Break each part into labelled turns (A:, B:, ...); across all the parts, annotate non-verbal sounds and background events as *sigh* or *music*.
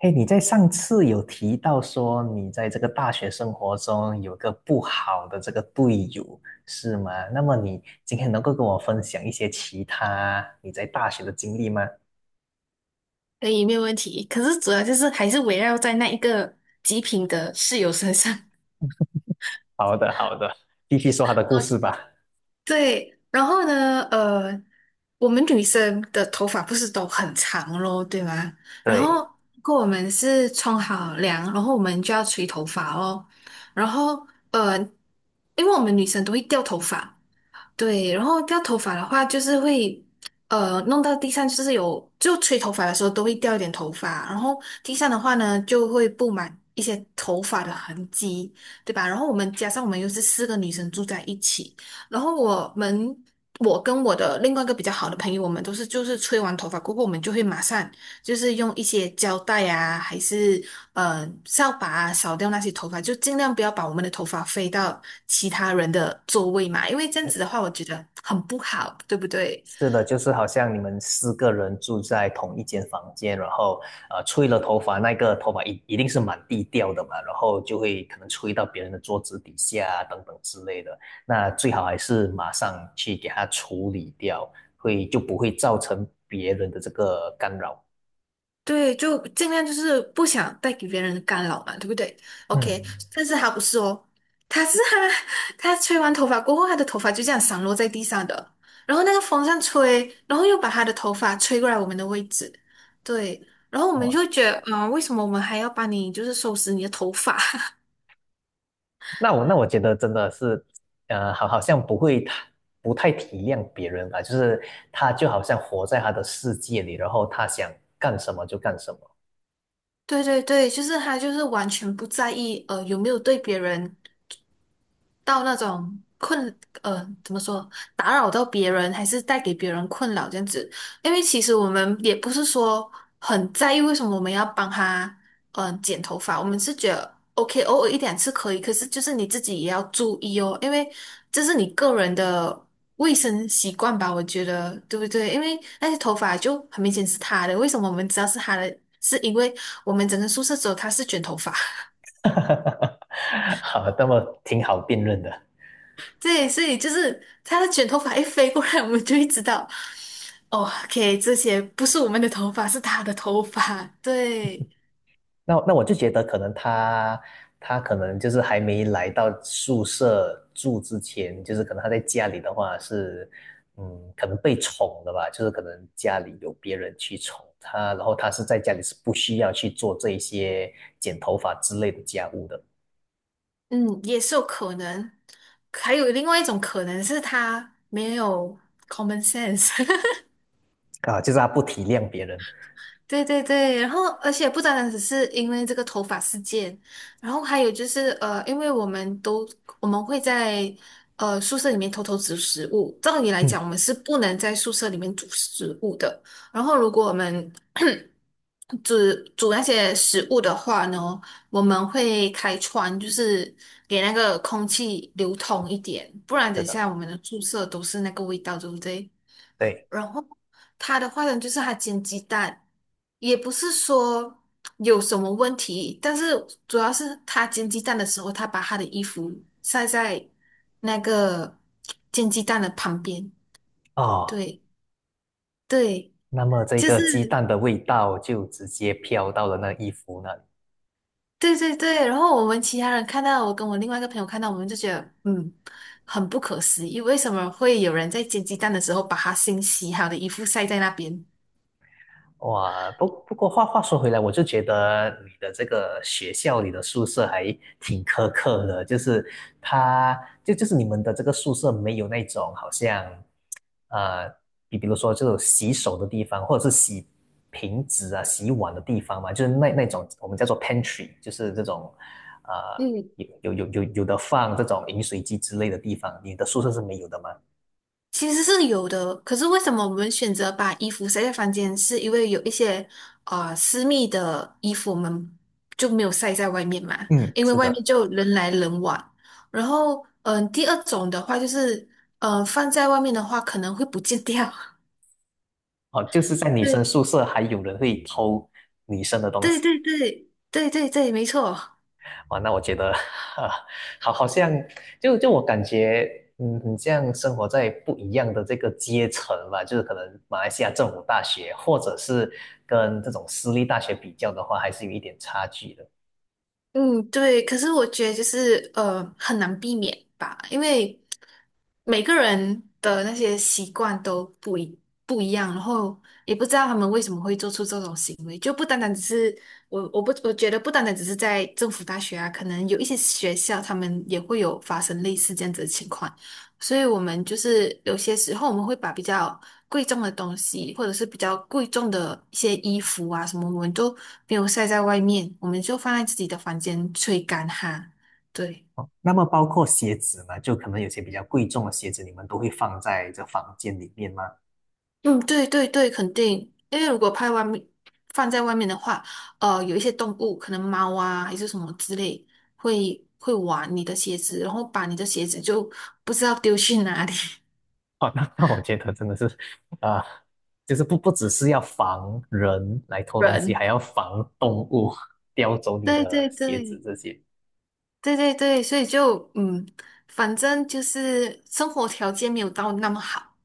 A: 哎，你在上次有提到说你在这个大学生活中有个不好的这个队友，是吗？那么你今天能够跟我分享一些其他你在大学的经历吗？
B: 可以，没有问题。可是主要就是还是围绕在那一个极品的室友身上。
A: 好的，好的，继续说他的故事吧。
B: *laughs* 对，然后呢，我们女生的头发不是都很长咯，对吗？然后
A: 对，
B: 如果我们是冲好凉，然后我们就要吹头发哦。然后呃，因为我们女生都会掉头发。对，然后掉头发的话，就是会弄到地上，就是有就吹头发的时候都会掉一点头发，然后地上的话呢就会布满一些头发的痕迹，对吧？然后我们加上我们又是四个女生住在一起，然后我跟我的另外一个比较好的朋友，我们都是就是吹完头发过后，我们就会马上就是用一些胶带啊，还是扫把啊，扫掉那些头发，就尽量不要把我们的头发飞到其他人的座位嘛，因为这样子的话，我觉得很不好，对不对？
A: 是的，就是好像你们四个人住在同一间房间，然后吹了头发，那个头发一定是满地掉的嘛，然后就会可能吹到别人的桌子底下啊等等之类的。那最好还是马上去给它处理掉，不会造成别人的这个干扰。
B: 对，就尽量就是不想带给别人的干扰嘛，对不对
A: 嗯。
B: ？OK。但是他不是哦，他是他 *laughs* 他吹完头发过后，他的头发就这样散落在地上的，然后那个风扇吹，然后又把他的头发吹过来我们的位置。对，然后我们就
A: 哦，
B: 觉得，嗯，为什么我们还要帮你就是收拾你的头发？*laughs*
A: 那我觉得真的是，好像不会太不太体谅别人吧，就是他就好像活在他的世界里，然后他想干什么就干什么。
B: 对对对，就是他就是完全不在意。有没有对别人到那种困，怎么说，打扰到别人，还是带给别人困扰这样子。因为其实我们也不是说很在意为什么我们要帮他剪头发。我们是觉得 OK，偶尔一两次可以，可是就是你自己也要注意哦，因为这是你个人的卫生习惯吧，我觉得，对不对？因为那些头发就很明显是他的，为什么我们知道是他的？是因为我们整个宿舍只有他是卷头发。
A: *laughs* 哈哈哈，好，那么挺好辩论的。
B: 对，所以就是他的卷头发一飞过来，我们就会知道，哦，OK，这些不是我们的头发，是他的头发。对。
A: 那我就觉得，可能他可能就是还没来到宿舍住之前，就是可能他在家里的话是，嗯，可能被宠的吧，就是可能家里有别人去宠他，然后他是在家里是不需要去做这一些剪头发之类的家务的。
B: 嗯，也是有可能。还有另外一种可能是他没有 common sense。*laughs*
A: 啊，就是他不体谅别人。
B: 对对对，然后而且不单单只是因为这个头发事件，然后还有就是因为我们会在宿舍里面偷偷煮食物，照理来
A: 嗯，
B: 讲我们是不能在宿舍里面煮食物的。然后如果我们煮煮那些食物的话呢，我们会开窗，就是给那个空气流通一点，不然
A: 是
B: 等一
A: 的，
B: 下我们的宿舍都是那个味道，对不对？
A: 对。
B: 然后他的话呢，就是他煎鸡蛋，也不是说有什么问题，但是主要是他煎鸡蛋的时候，他把他的衣服晒在那个煎鸡蛋的旁边。
A: 哦，
B: 对对，
A: 那么这
B: 就
A: 个鸡
B: 是。
A: 蛋的味道就直接飘到了那衣服那里。
B: 对对对，然后我们其他人看到，我跟我另外一个朋友看到，我们就觉得，嗯，很不可思议，为什么会有人在煎鸡蛋的时候把他新洗好的衣服晒在那边？
A: 哇，不过话说回来，我就觉得你的这个学校里的宿舍还挺苛刻的，就是它是你们的这个宿舍没有那种好像，呃，比如说这种洗手的地方，或者是洗瓶子啊、洗碗的地方嘛，就是那种我们叫做 pantry，就是这种，呃，
B: 嗯，
A: 有的放这种饮水机之类的地方，你的宿舍是没有的吗？
B: 其实是有的，可是为什么我们选择把衣服晒在房间？是因为有一些私密的衣服我们就没有晒在外面嘛，
A: 嗯，
B: 因为
A: 是
B: 外面
A: 的。
B: 就人来人往。然后，嗯，第二种的话就是，嗯，放在外面的话可能会不见掉。*laughs*
A: 哦，就是在女生
B: 对。
A: 宿舍还有人会偷女生的东
B: 对
A: 西。
B: 对对对对对，没错。
A: 哇，那我觉得，啊，好，好像我感觉，嗯，你这样生活在不一样的这个阶层吧，就是可能马来西亚政府大学，或者是跟这种私立大学比较的话，还是有一点差距的。
B: 嗯，对。可是我觉得就是很难避免吧，因为每个人的那些习惯都不一样，然后也不知道他们为什么会做出这种行为，就不单单只是我觉得不单单只是在政府大学啊，可能有一些学校他们也会有发生类似这样子的情况，所以我们就是有些时候我们会把比较贵重的东西，或者是比较贵重的一些衣服啊什么，我们都没有晒在外面，我们就放在自己的房间吹干哈。对。
A: 哦，那么包括鞋子呢，就可能有些比较贵重的鞋子，你们都会放在这房间里面吗？
B: 嗯，对对对，肯定，因为如果拍外面放在外面的话，有一些动物，可能猫啊还是什么之类，会玩你的鞋子，然后把你的鞋子就不知道丢去哪里。*laughs*
A: 哦，那那我觉得真的是，啊、就是不只是要防人来偷东西，
B: 人，
A: 还要防动物叼走你
B: 对对
A: 的鞋子
B: 对
A: 这些。
B: 对对对，所以就嗯，反正就是生活条件没有到那么好。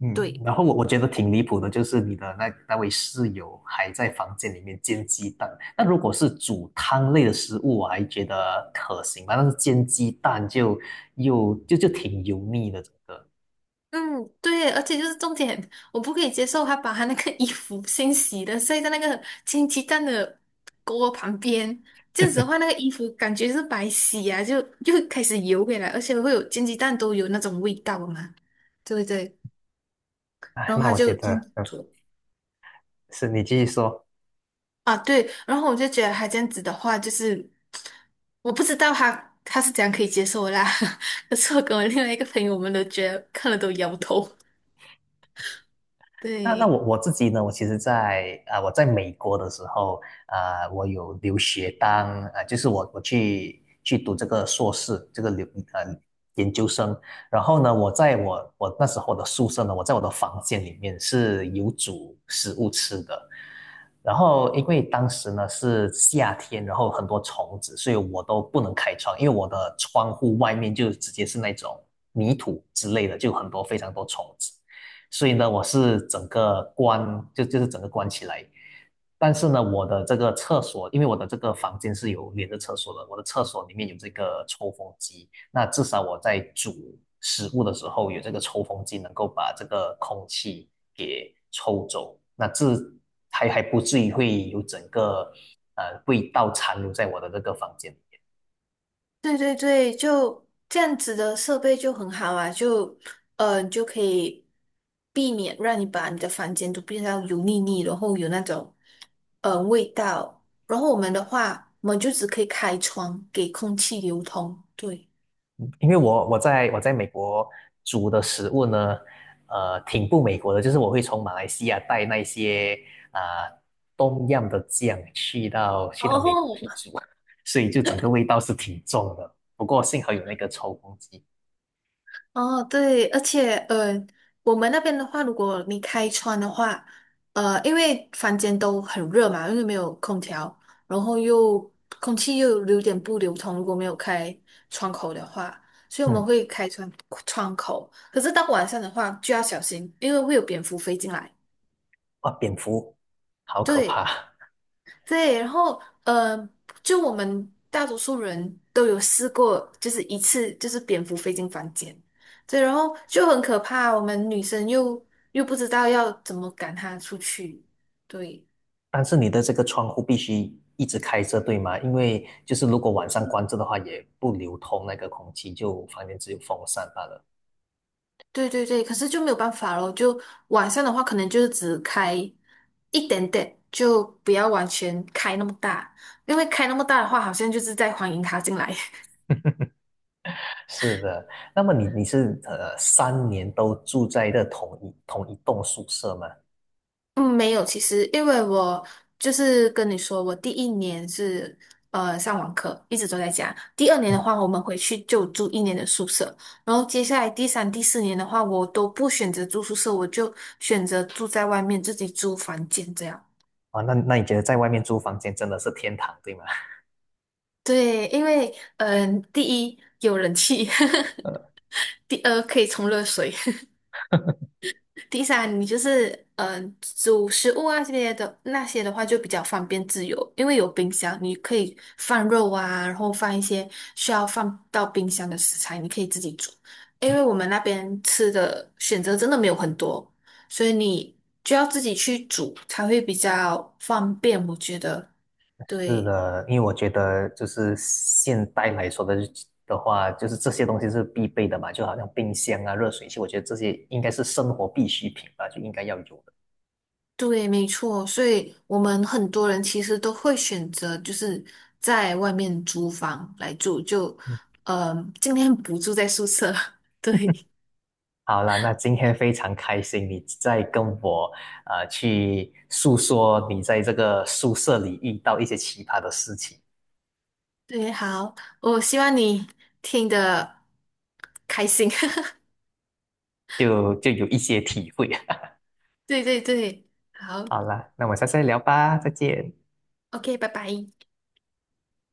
A: 嗯，
B: 对。
A: 然后我我觉得挺离谱的，就是你的那位室友还在房间里面煎鸡蛋。那如果是煮汤类的食物，我还觉得可行吧，但是煎鸡蛋就就挺油腻的，整个。
B: 嗯，对，而且就是重点，我不可以接受他把他那个衣服先洗了，晒在那个煎鸡蛋的锅旁边，这样子的话，
A: *laughs*
B: 那个衣服感觉是白洗啊，就又开始油回来，而且会有煎鸡蛋都有那种味道嘛，对不对？
A: 哎，
B: 然后
A: 那
B: 他
A: 我觉
B: 就这样
A: 得，
B: 子
A: 嗯，
B: 做
A: 是你继续说。
B: 啊。对，然后我就觉得他这样子的话，就是我不知道他是怎样可以接受的啦。*laughs* 可是我跟我另外一个朋友，我们都觉得看了都摇头。*laughs*
A: 那那我
B: 对。
A: 我自己呢？我其实在，啊我在美国的时候，啊我有留学当啊就是我去读这个硕士，这个留呃研究生。然后呢，我在我那时候的宿舍呢，我在我的房间里面是有煮食物吃的，然后因为当时呢是夏天，然后很多虫子，所以我都不能开窗，因为我的窗户外面就直接是那种泥土之类的，就很多非常多虫子，所以呢我是整个关就就是整个关起来。但是呢，我的这个厕所，因为我的这个房间是有连着厕所的，我的厕所里面有这个抽风机，那至少我在煮食物的时候有这个抽风机，能够把这个空气给抽走，那这还不至于会有整个味道残留在我的这个房间里面。
B: 对对对，就这样子的设备就很好啊，就就可以避免让你把你的房间都变到油腻腻，然后有那种味道。然后我们的话，我们就只可以开窗给空气流通。对，
A: 因为我在美国煮的食物呢，呃，挺不美国的，就是我会从马来西亚带那些啊、东样的酱去到去
B: 然
A: 到美国去
B: 后。
A: 煮，所以就整个味道是挺重的。不过幸好有那个抽风机。
B: 哦，对，而且我们那边的话，如果你开窗的话，因为房间都很热嘛，因为没有空调，然后又空气又有点不流通，如果没有开窗口的话，所以我们
A: 嗯。
B: 会开窗口。可是到晚上的话就要小心，因为会有蝙蝠飞进来。
A: 哇，蝙蝠好可
B: 对。
A: 怕。
B: 对，然后就我们大多数人都有试过，就是一次就是蝙蝠飞进房间。对，然后就很可怕。我们女生又不知道要怎么赶它出去。对。
A: 但是你的这个窗户必须一直开着，对吗？因为就是如果晚上关着的话，也不流通那个空气，就房间只有风扇罢了。
B: 对对对，可是就没有办法咯，就晚上的话，可能就是只开一点点，就不要完全开那么大，因为开那么大的话，好像就是在欢迎它进来。*laughs*
A: 是的，那么你你是3年都住在这同一栋宿舍吗？
B: 嗯，没有，其实因为我就是跟你说，我第一年是上网课，一直都在家。第二年的
A: 嗯。
B: 话，我们回去就住一年的宿舍，然后接下来第三、第四年的话，我都不选择住宿舍，我就选择住在外面，自己租房间这样。
A: 啊，那那你觉得在外面租房间真的是天堂，对吗？
B: 对，因为第一有人气，
A: 呃，
B: *laughs* 第二可以冲热水。第三，你就是煮食物啊这些的那些的话就比较方便自由，因为有冰箱，你可以放肉啊，然后放一些需要放到冰箱的食材，你可以自己煮。因为我们那边吃的选择真的没有很多，所以你就要自己去煮才会比较方便，我觉得。
A: 是
B: 对。
A: 的，因为我觉得就是现代来说的的话，就是这些东西是必备的嘛，就好像冰箱啊、热水器，我觉得这些应该是生活必需品吧，就应该要有的。
B: 对，没错，所以我们很多人其实都会选择就是在外面租房来住，就
A: 嗯。
B: 嗯，尽量不住在宿舍。*laughs* 对
A: 好啦，那今天非常开心，你在跟我去诉说你在这个宿舍里遇到一些奇葩的事情，
B: 对，好，我希望你听得开心。
A: 就有一些体会。*laughs*
B: *laughs* 对对对，好
A: 好啦，那我们下次再聊吧，再见。
B: ，OK，拜拜。